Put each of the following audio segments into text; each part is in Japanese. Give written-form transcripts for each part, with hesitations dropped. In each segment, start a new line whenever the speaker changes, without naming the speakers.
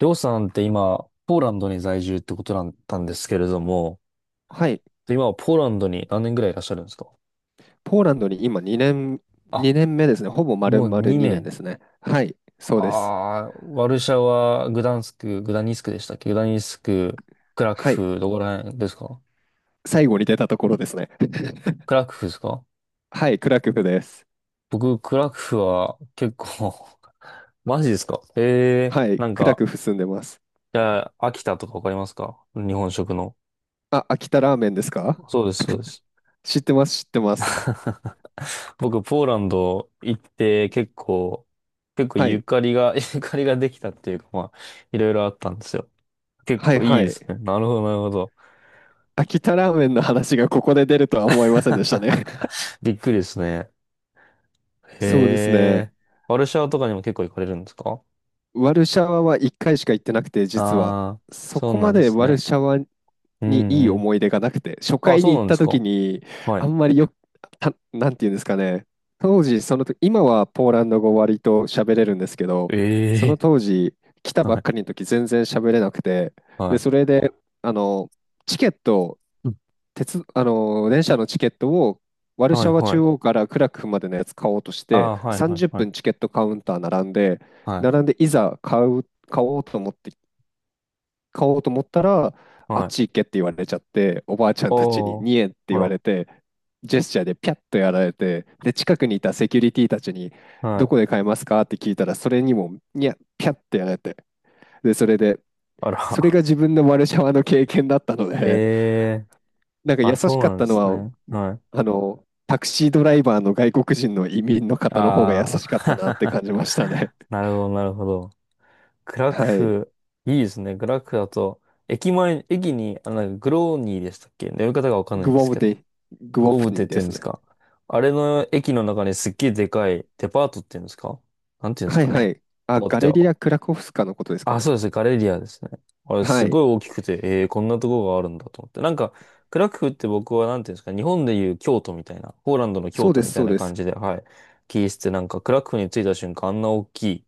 りょうさんって今、ポーランドに在住ってことだったんですけれども、
はい。
で今はポーランドに何年ぐらいいらっしゃるんですか？
ポーランドに今2年、
あ、
2年目ですね。ほぼ丸
もう
々2
2
年で
年。
すね。はい。そ
あ
うです。
あ、ワルシャワ、グダンスク、グダニスクでしたっけ、グダニスク、クラク
はい。
フ、どこら辺ですか？
最後に出たところですね。
クラクフですか？
はい。クラクフです。
僕、クラクフは結構 マジですか。へえ
は
ー、
い。クラクフ住んでます。
じゃあ、秋田とかわかりますか、日本食の。
あ、秋田ラーメンですか？
そうです、そうです。
知ってます、知ってます。
僕、ポーランド行って結構、結構
は
ゆ
い。
かりが、ゆかりができたっていうか、いろいろあったんですよ。結
はい、
構いい
は
で
い。
すね。なるほど、なるほど。
秋田ラーメンの話がここで出るとは思いませんでしたね。
びっくりですね。へ
そうですね。
え。ワルシャワとかにも結構行かれるんですか？
ワルシャワは1回しか行ってなくて、実は。
ああー、
そ
そう
こ
な
ま
んで
で
す
ワル
ね。
シャワ
う
にいい
んうん。
思い出がなくて、初
あ、
回
そ
に
う
行
な
っ
んで
た
す
時
か。
に、
は
あ
い。
んまりよた、なんていうんですかね、当時、その時、今はポーランド語割と喋れるんですけど、
え
その当
え。
時、来た ば
は
っ
い、
かりの時全然喋れなくて、
は
で、そ
い。
れで、あの、チケット、
うん、
鉄、電車のチケットを、ワルシ
は
ャ
い、
ワ
は
中央
い。
からクラクフまでのやつ買おうとし
あ
て、
あ、はい、はい、
30
は
分
い。
チケットカウンター並んで、
は
並んでいざ買う、買おうと思って買おうと思ったら、
い、
あっ
は
ち
い。
行けって言われちゃって、おばあちゃんたちに
おー。
2円って
あ
言わ
ら。
れて、ジェスチャーでピャッとやられて、で、近くにいたセキュリティたちに、
は
どこで
い。
買えますかって聞いたら、それにも、ピャッてやられて、で、それで、
あ
それ
ら。
が自分のワルシャワの経験だったの
え
で、
え。
なんか
あ、
優し
そ
か
う
っ
なんで
たの
す
は、
ね。はい。
タクシードライバーの外国人の移民の方の方が優
あ
しかったなって
あ、
感じました ね。
なるほど、なるほど。グラク
はい。
フ、いいですね。グラクフだと、駅前、駅に、あ、なんかグローニーでしたっけ、呼び方がわかんない
グ
ん
ウ
で
ォ
す
ブ
けど。
デグウォ
ゴブ
フ
テ
ニ
っ
ー
て
で
言うん
す
です
ね。
か。あれの駅の中にすっげえでかいデパートっていうんですか、なんていうんです
はい
か
は
ね。
い。あ、
変わっ
ガ
て、
レリア・クラコフスカのことですか
あ、
ね。
そうです。ガレリアですね。あれ、
は
す
い。
ごい大きくて、こんなとこがあるんだと思って。クラクフって僕は、なんていうんですか、日本でいう京都みたいな、ポーランドの
そ
京
う
都
で
み
す、
たい
そう
な
で
感
す。
じで、はい。聞いてて、なんか、クラクフに着いた瞬間、あんな大きい、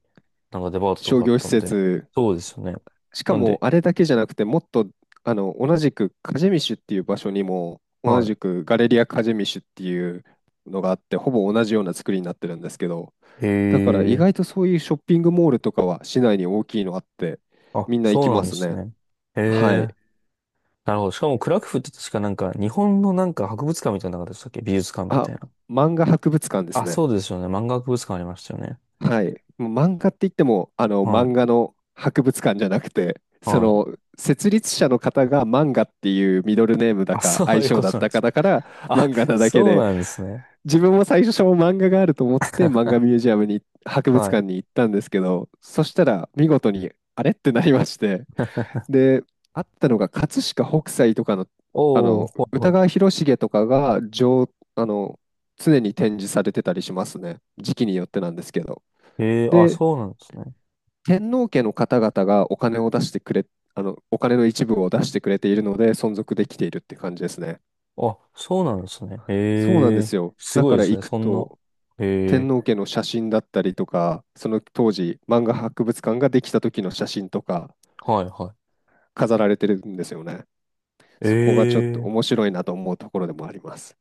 なんかデパートと
商
かあっ
業施
たんで、
設。
そうですよね。
しか
なん
も、
で、
あれだけじゃなくて、もっと、同じく、カジェミシュっていう場所にも、同
は
じくガレリア・カジェミシュっていうのがあって、ほぼ同じような作りになってるんですけど、
い。へ
だから意
え、
外とそういうショッピングモールとかは市内に大きいのあって、
あ、
みんな行
そ
き
うな
ま
んで
す
す
ね。
ね。へ
はい。
え、なるほど。しかも、クラクフって確かなんか、日本のなんか博物館みたいなのなかっでしたっけ、美術館み
あ、
たいな。
漫画博物館です
あ、
ね。
そうですよね。漫画博物館ありましたよね。
はい。もう漫画って言っても、
は
漫
い。
画の博物館じゃなくて、
はい。
設立者の方が漫画っていうミドルネームだ
あ、
か、
そう
愛
いう
称
こ
だっ
となん
た
で
か
す。
だから、
あ、
漫画なだけ
そう
で、
なんですね。
自分も最初漫画があると思って、漫画ミュージアムに、博物
は
館
い。
に行ったんですけど、そしたら、見事に、あれってなりまして、で、あったのが、葛飾北斎とかの、
おーおー、はい
歌
は
川広重とかが、あの、常に展示されてたりしますね。時期によってなんですけど。
い。へえー、あ、
で、
そうなんですね。
天皇家の方々がお金を出してくれ、お金の一部を出してくれているので存続できているって感じですね。
あ、そうなんですね。
そうなん
へ
で
えー、
すよ。
す
だ
ご
か
いで
ら
す
行
ね。
く
そんな。
と、
へ
天
え
皇家の写真だったりとか、その当時、漫画博物館ができた時の写真とか
ー、はいは
飾られてるんですよね。
い。え
そこがちょっと
え、
面白いなと思うところでもあります。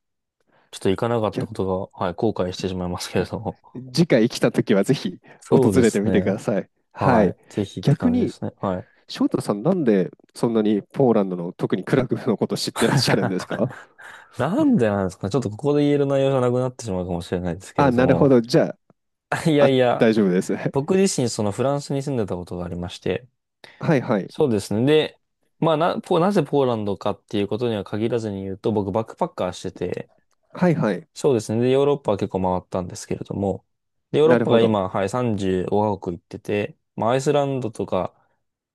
ちょっと行かなかった
逆
ことが、はい、後悔してしまいますけれども。
次回来た時はぜひ
そう
訪
で
れて
す
みてくだ
ね。
さい。は
は
い。
い。ぜひって
逆
感じで
に、
すね。はい。
翔太さん、なんでそんなにポーランドの特にクラクフのこと知ってらっしゃるんですか？
なんでなんですかね。ちょっとここで言える内容じゃなくなってしまうかもしれないですけ
あ、
れど
なるほ
も。
ど。じゃ
い
あ、
や
あ、
いや、
大丈夫です。
僕 自身そのフランスに住んでたことがありまして、
はいはい。
そうですね。で、なぜポーランドかっていうことには限らずに言うと、僕バックパッカーしてて、
はいはい。
そうですね。で、ヨーロッパは結構回ったんですけれども、で、ヨーロッ
なる
パ
ほ
が
ど。
今、はい、35カ国行ってて、まあ、アイスランドとか、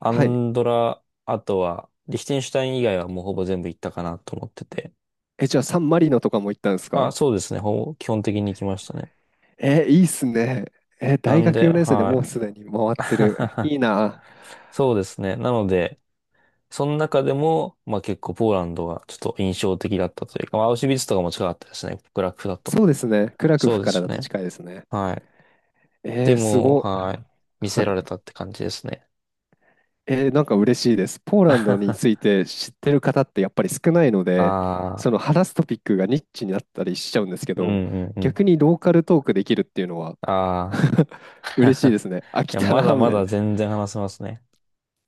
ア
はい。
ンドラ、あとは、リヒテンシュタイン以外はもうほぼ全部行ったかなと思ってて。
え、じゃあ、サンマリノとかも行ったんです
あ、
か？
そうですね。ほぼ基本的に行きましたね。
え、いいっすね。え、
な
大
ん
学
で、
4年生でもう
は
す
い。
でに回ってる。いいな。
そうですね。なので、その中でも、まあ結構ポーランドがちょっと印象的だったというか、まあアウシュビッツとかも近かったですね、極楽だと。
そうですね。クラク
そ
フ
うで
から
す
だと
ね。
近いですね。
はい。で
す
も、
ご。
はい。見
は
せられ
い。
たって感じですね。
なんか嬉しいです。ポーランド に
あ
ついて知ってる方ってやっぱり少ないので、
あ、
その話すトピックがニッチになったりしちゃうんですけ
うん
ど、
うんうん。
逆にローカルトークできるっていうのは
ああ。
嬉しいで すね。秋
いや、
田
ま
ラ
だ
ー
ま
メン。
だ全然話せますね。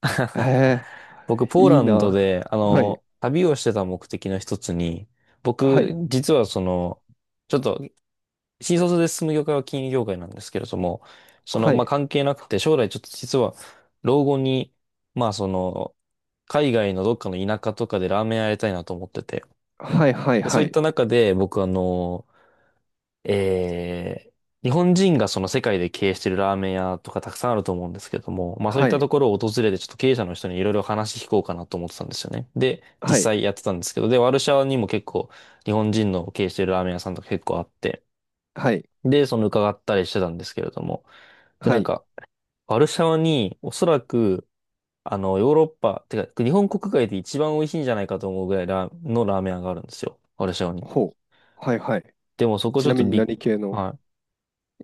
え
僕、ポー
いい
ランドで、
な。はい。
旅をしてた目的の一つに、
は
僕、
い。
実はその、ちょっと新卒で進む業界は金融業界なんですけれども、その、
は
まあ、
い。
関係なくて、将来ちょっと実は、老後に、まあ、その、海外のどっかの田舎とかでラーメン屋やりたいなと思ってて、
はい。
で、
は
そういっ
い。
た中で、僕、えー日本人がその世界で経営してるラーメン屋とかたくさんあると思うんですけども、まあそういっ
は
た
い。
ところを訪れてちょっと経営者の人にいろいろ話聞こうかなと思ってたんですよね。で、実
はい。
際やってたんですけど、で、ワルシャワにも結構日本人の経営してるラーメン屋さんとか結構あって、
はい。はい。
で、その伺ったりしてたんですけれども。で、
は
なん
い。
か、ワルシャワに、おそらく、ヨーロッパ、てか、日本国外で一番美味しいんじゃないかと思うぐらいラーメン屋があるんですよ。ワルシャワに。
ほう。はい。はい。
でもそこ
ち
ちょ
な
っと
みに
びっ、はい。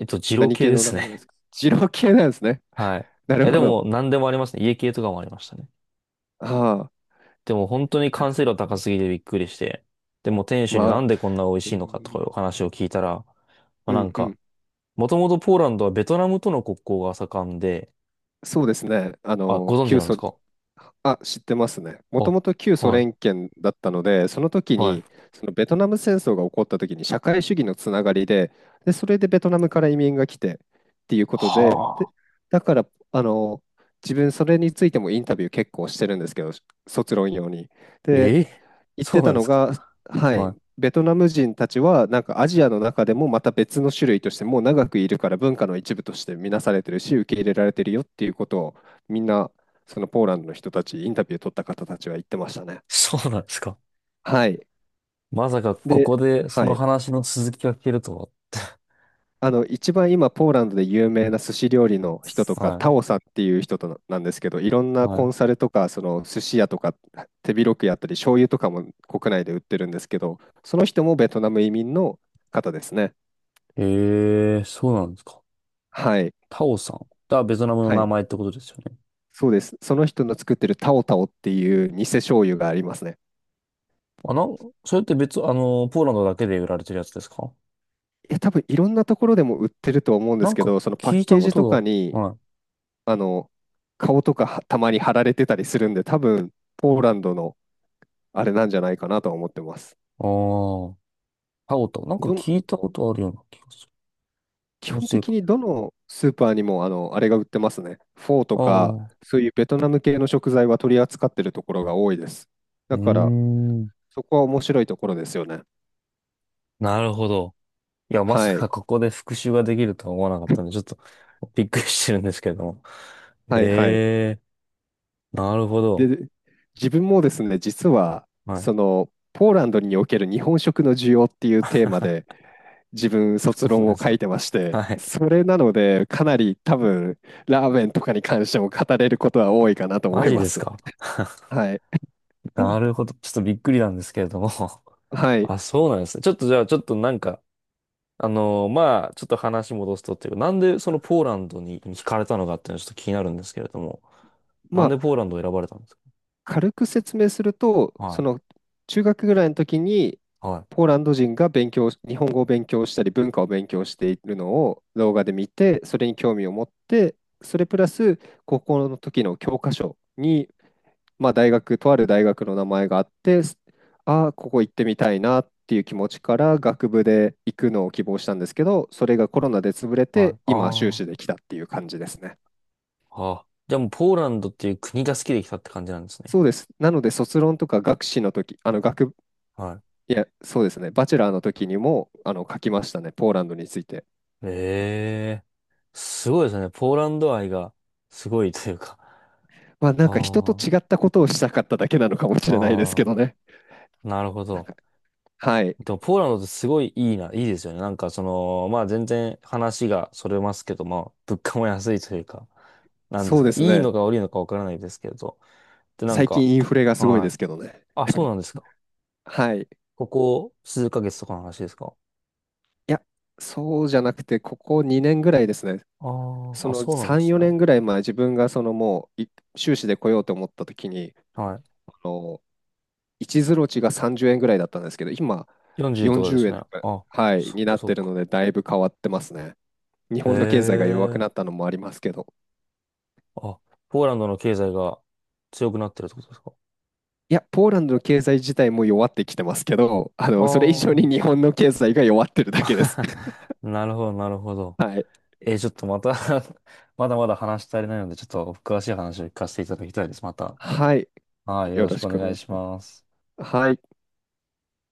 えっと、二郎
何
系
系
で
のラ
す
ーメンで
ね。
すか？二郎系なんですね。
はい。い
なる
や、で
ほ
も、
ど。
何でもありますね。家系とかもありましたね。
ああ。
でも、本当に完成度高すぎてびっくりして。でも、店主に
ま
な
あ、
んでこんな美味
う
しいのかとか
ん、
いうお話を聞いたら、まあ、
う
なん
ん、う
か、
ん。
もともとポーランドはベトナムとの国交が盛んで、
そうですね。
あ、ご存知なんですか？
あ、知ってますね。もと
あ、
もと旧ソ
はい、
連圏だったので、その時
は
に、
い。
そのベトナム戦争が起こった時に社会主義のつながりで、で、それでベトナムから移民が来てっていうことで、
は
で、
あ。
だから、あの、自分それについてもインタビュー結構してるんですけど、卒論用に。で、
ええ、
言っ
そ
て
うな
た
んで
の
すか。
が、は
は
い、
い。
ベトナム人たちはなんかアジアの中でもまた別の種類としてもう長くいるから文化の一部として見なされてるし受け入れられてるよっていうことを、みんなそのポーランドの人たちインタビュー取った方たちは言ってましたね。
そうなんですか。
はい。
まさかこ
で、
こでそ
は
の
い。
話の続きが聞けると
一番今ポーランドで有名な寿司料理の人と
は。
かタオ
は
さんっていう人となんですけど、いろん
い、
な
は
コ
い。
ンサルとかその寿司屋とか手広くやったり醤油とかも国内で売ってるんですけど、その人もベトナム移民の方ですね。
ええ、そうなんですか。
はい。
タオさん。がベトナムの
は
名
い。
前ってことですよね。
そうです。その人の作ってるタオタオっていう偽醤油がありますね。
あ、なん、それって別、あの、ポーランドだけで売られてるやつですか？
いや、多分いろんなところでも売ってると思うんで
な
す
ん
け
か
ど、そのパッ
聞いた
ケー
こ
ジとか
とが、
に、
はい。
あの、顔とかはたまに貼られてたりするんで、多分ポーランドのあれなんじゃないかなとは思ってます。
ああ、タオタオ。なんか
どん、
聞いたことあるような気がする。気
基
の
本
せい
的
か。
にどのスーパーにも、あれが売ってますね。フォーと
あ
か、
あ、う
そういうベトナム系の食材は取り扱ってるところが多いです。
ー
だから、
ん。
そこは面白いところですよね。
なるほど。いや、まさ
は
か
い。
ここで復習ができるとは思わなかったんで、ちょっとびっくりしてるんですけれども。
はいはい。
ええー、なるほど。
で、自分もですね、実は、
はい。
ポーランドにおける日本食の需要っていうテーマで、自分卒
そうな
論
んで
を
す
書
か。
いてまして、
はい。
それなので、かなり多分、ラーメンとかに関しても語れることは多いかなと思
マ
い
ジ
ま
です
す。
か。
はい。うん
なるほど。ちょっとびっくりなんですけれども。
はい。
あ、そうなんですね。ちょっとじゃあ、ちょっとなんか、まあ、ちょっと話戻すとっていうか、なんでそのポーランドに惹かれたのかっていうのはちょっと気になるんですけれども。な
ま
ん
あ、
でポーランドを選ばれたんですか？
軽く説明すると、
は
その
い。
中学ぐらいの時に、
はい。
ポーランド人が日本語を勉強したり、文化を勉強しているのを動画で見て、それに興味を持って、それプラス、高校の時の教科書に、まあ、とある大学の名前があって、ああ、ここ行ってみたいなっていう気持ちから、学部で行くのを希望したんですけど、それがコロナで潰れ
は
て、
い。
今、修
あ
士
あ。
できたっていう感じですね。
あ、じゃあもうポーランドっていう国が好きで来たって感じなんですね。
そうです。なので、卒論とか学士の時、あの学
は
いや、そうですね。バチェラーの時にも、書きましたね。ポーランドについて。
い。ええ、すごいですね。ポーランド愛がすごいというか。
まあ、なんか人と
あ
違ったことをしたかっただけなのかもし
あ、
れないですけど
あ
ね。
あ、なるほど。
はい。
でも、ポーランドってすごいいいな、いいですよね。なんか、その、まあ全然話がそれますけど、まあ物価も安いというか、なんで
そ
す
う
か、
です
いい
ね。
のか悪いのかわからないですけど。で、なん
最
か、
近インフレがすごいで
は
す
い。
けどね。
あ、そうなんですか。
はい。い
ここ数ヶ月とかの話ですか。
や、そうじゃなくて、ここ2年ぐらいですね。
あ
そ
あ、あ、
の
そうなんで
3、
すね。
4年ぐらい前、自分がそのもう、修士で来ようと思った時に、
はい、
あの、1ゼロ値が30円ぐらいだったんですけど、今、
40とかで
40
す
円
ね。
とか、
あ、
はい、
そっ
に
か
なっ
そ
て
っ
る
か。
ので、だいぶ変わってますね。日
へ
本の経済が弱く
え。
なったのもありますけど、
あ、ポーランドの経済が強くなってるってことですか？
いや、ポーランドの経済自体も弱ってきてますけど、それ以上に
あ
日
あ
本の経済が弱ってるだけです。
ー、なるほど、なるほど。
はい。
えーちょっとまた まだまだ話し足りないので、ちょっと詳しい話を聞かせていただきたいです。また。
はい。
はい、よ
よ
ろし
ろ
く
し
お
くお
願
願
い
いし
し
ます。
ます。
はい。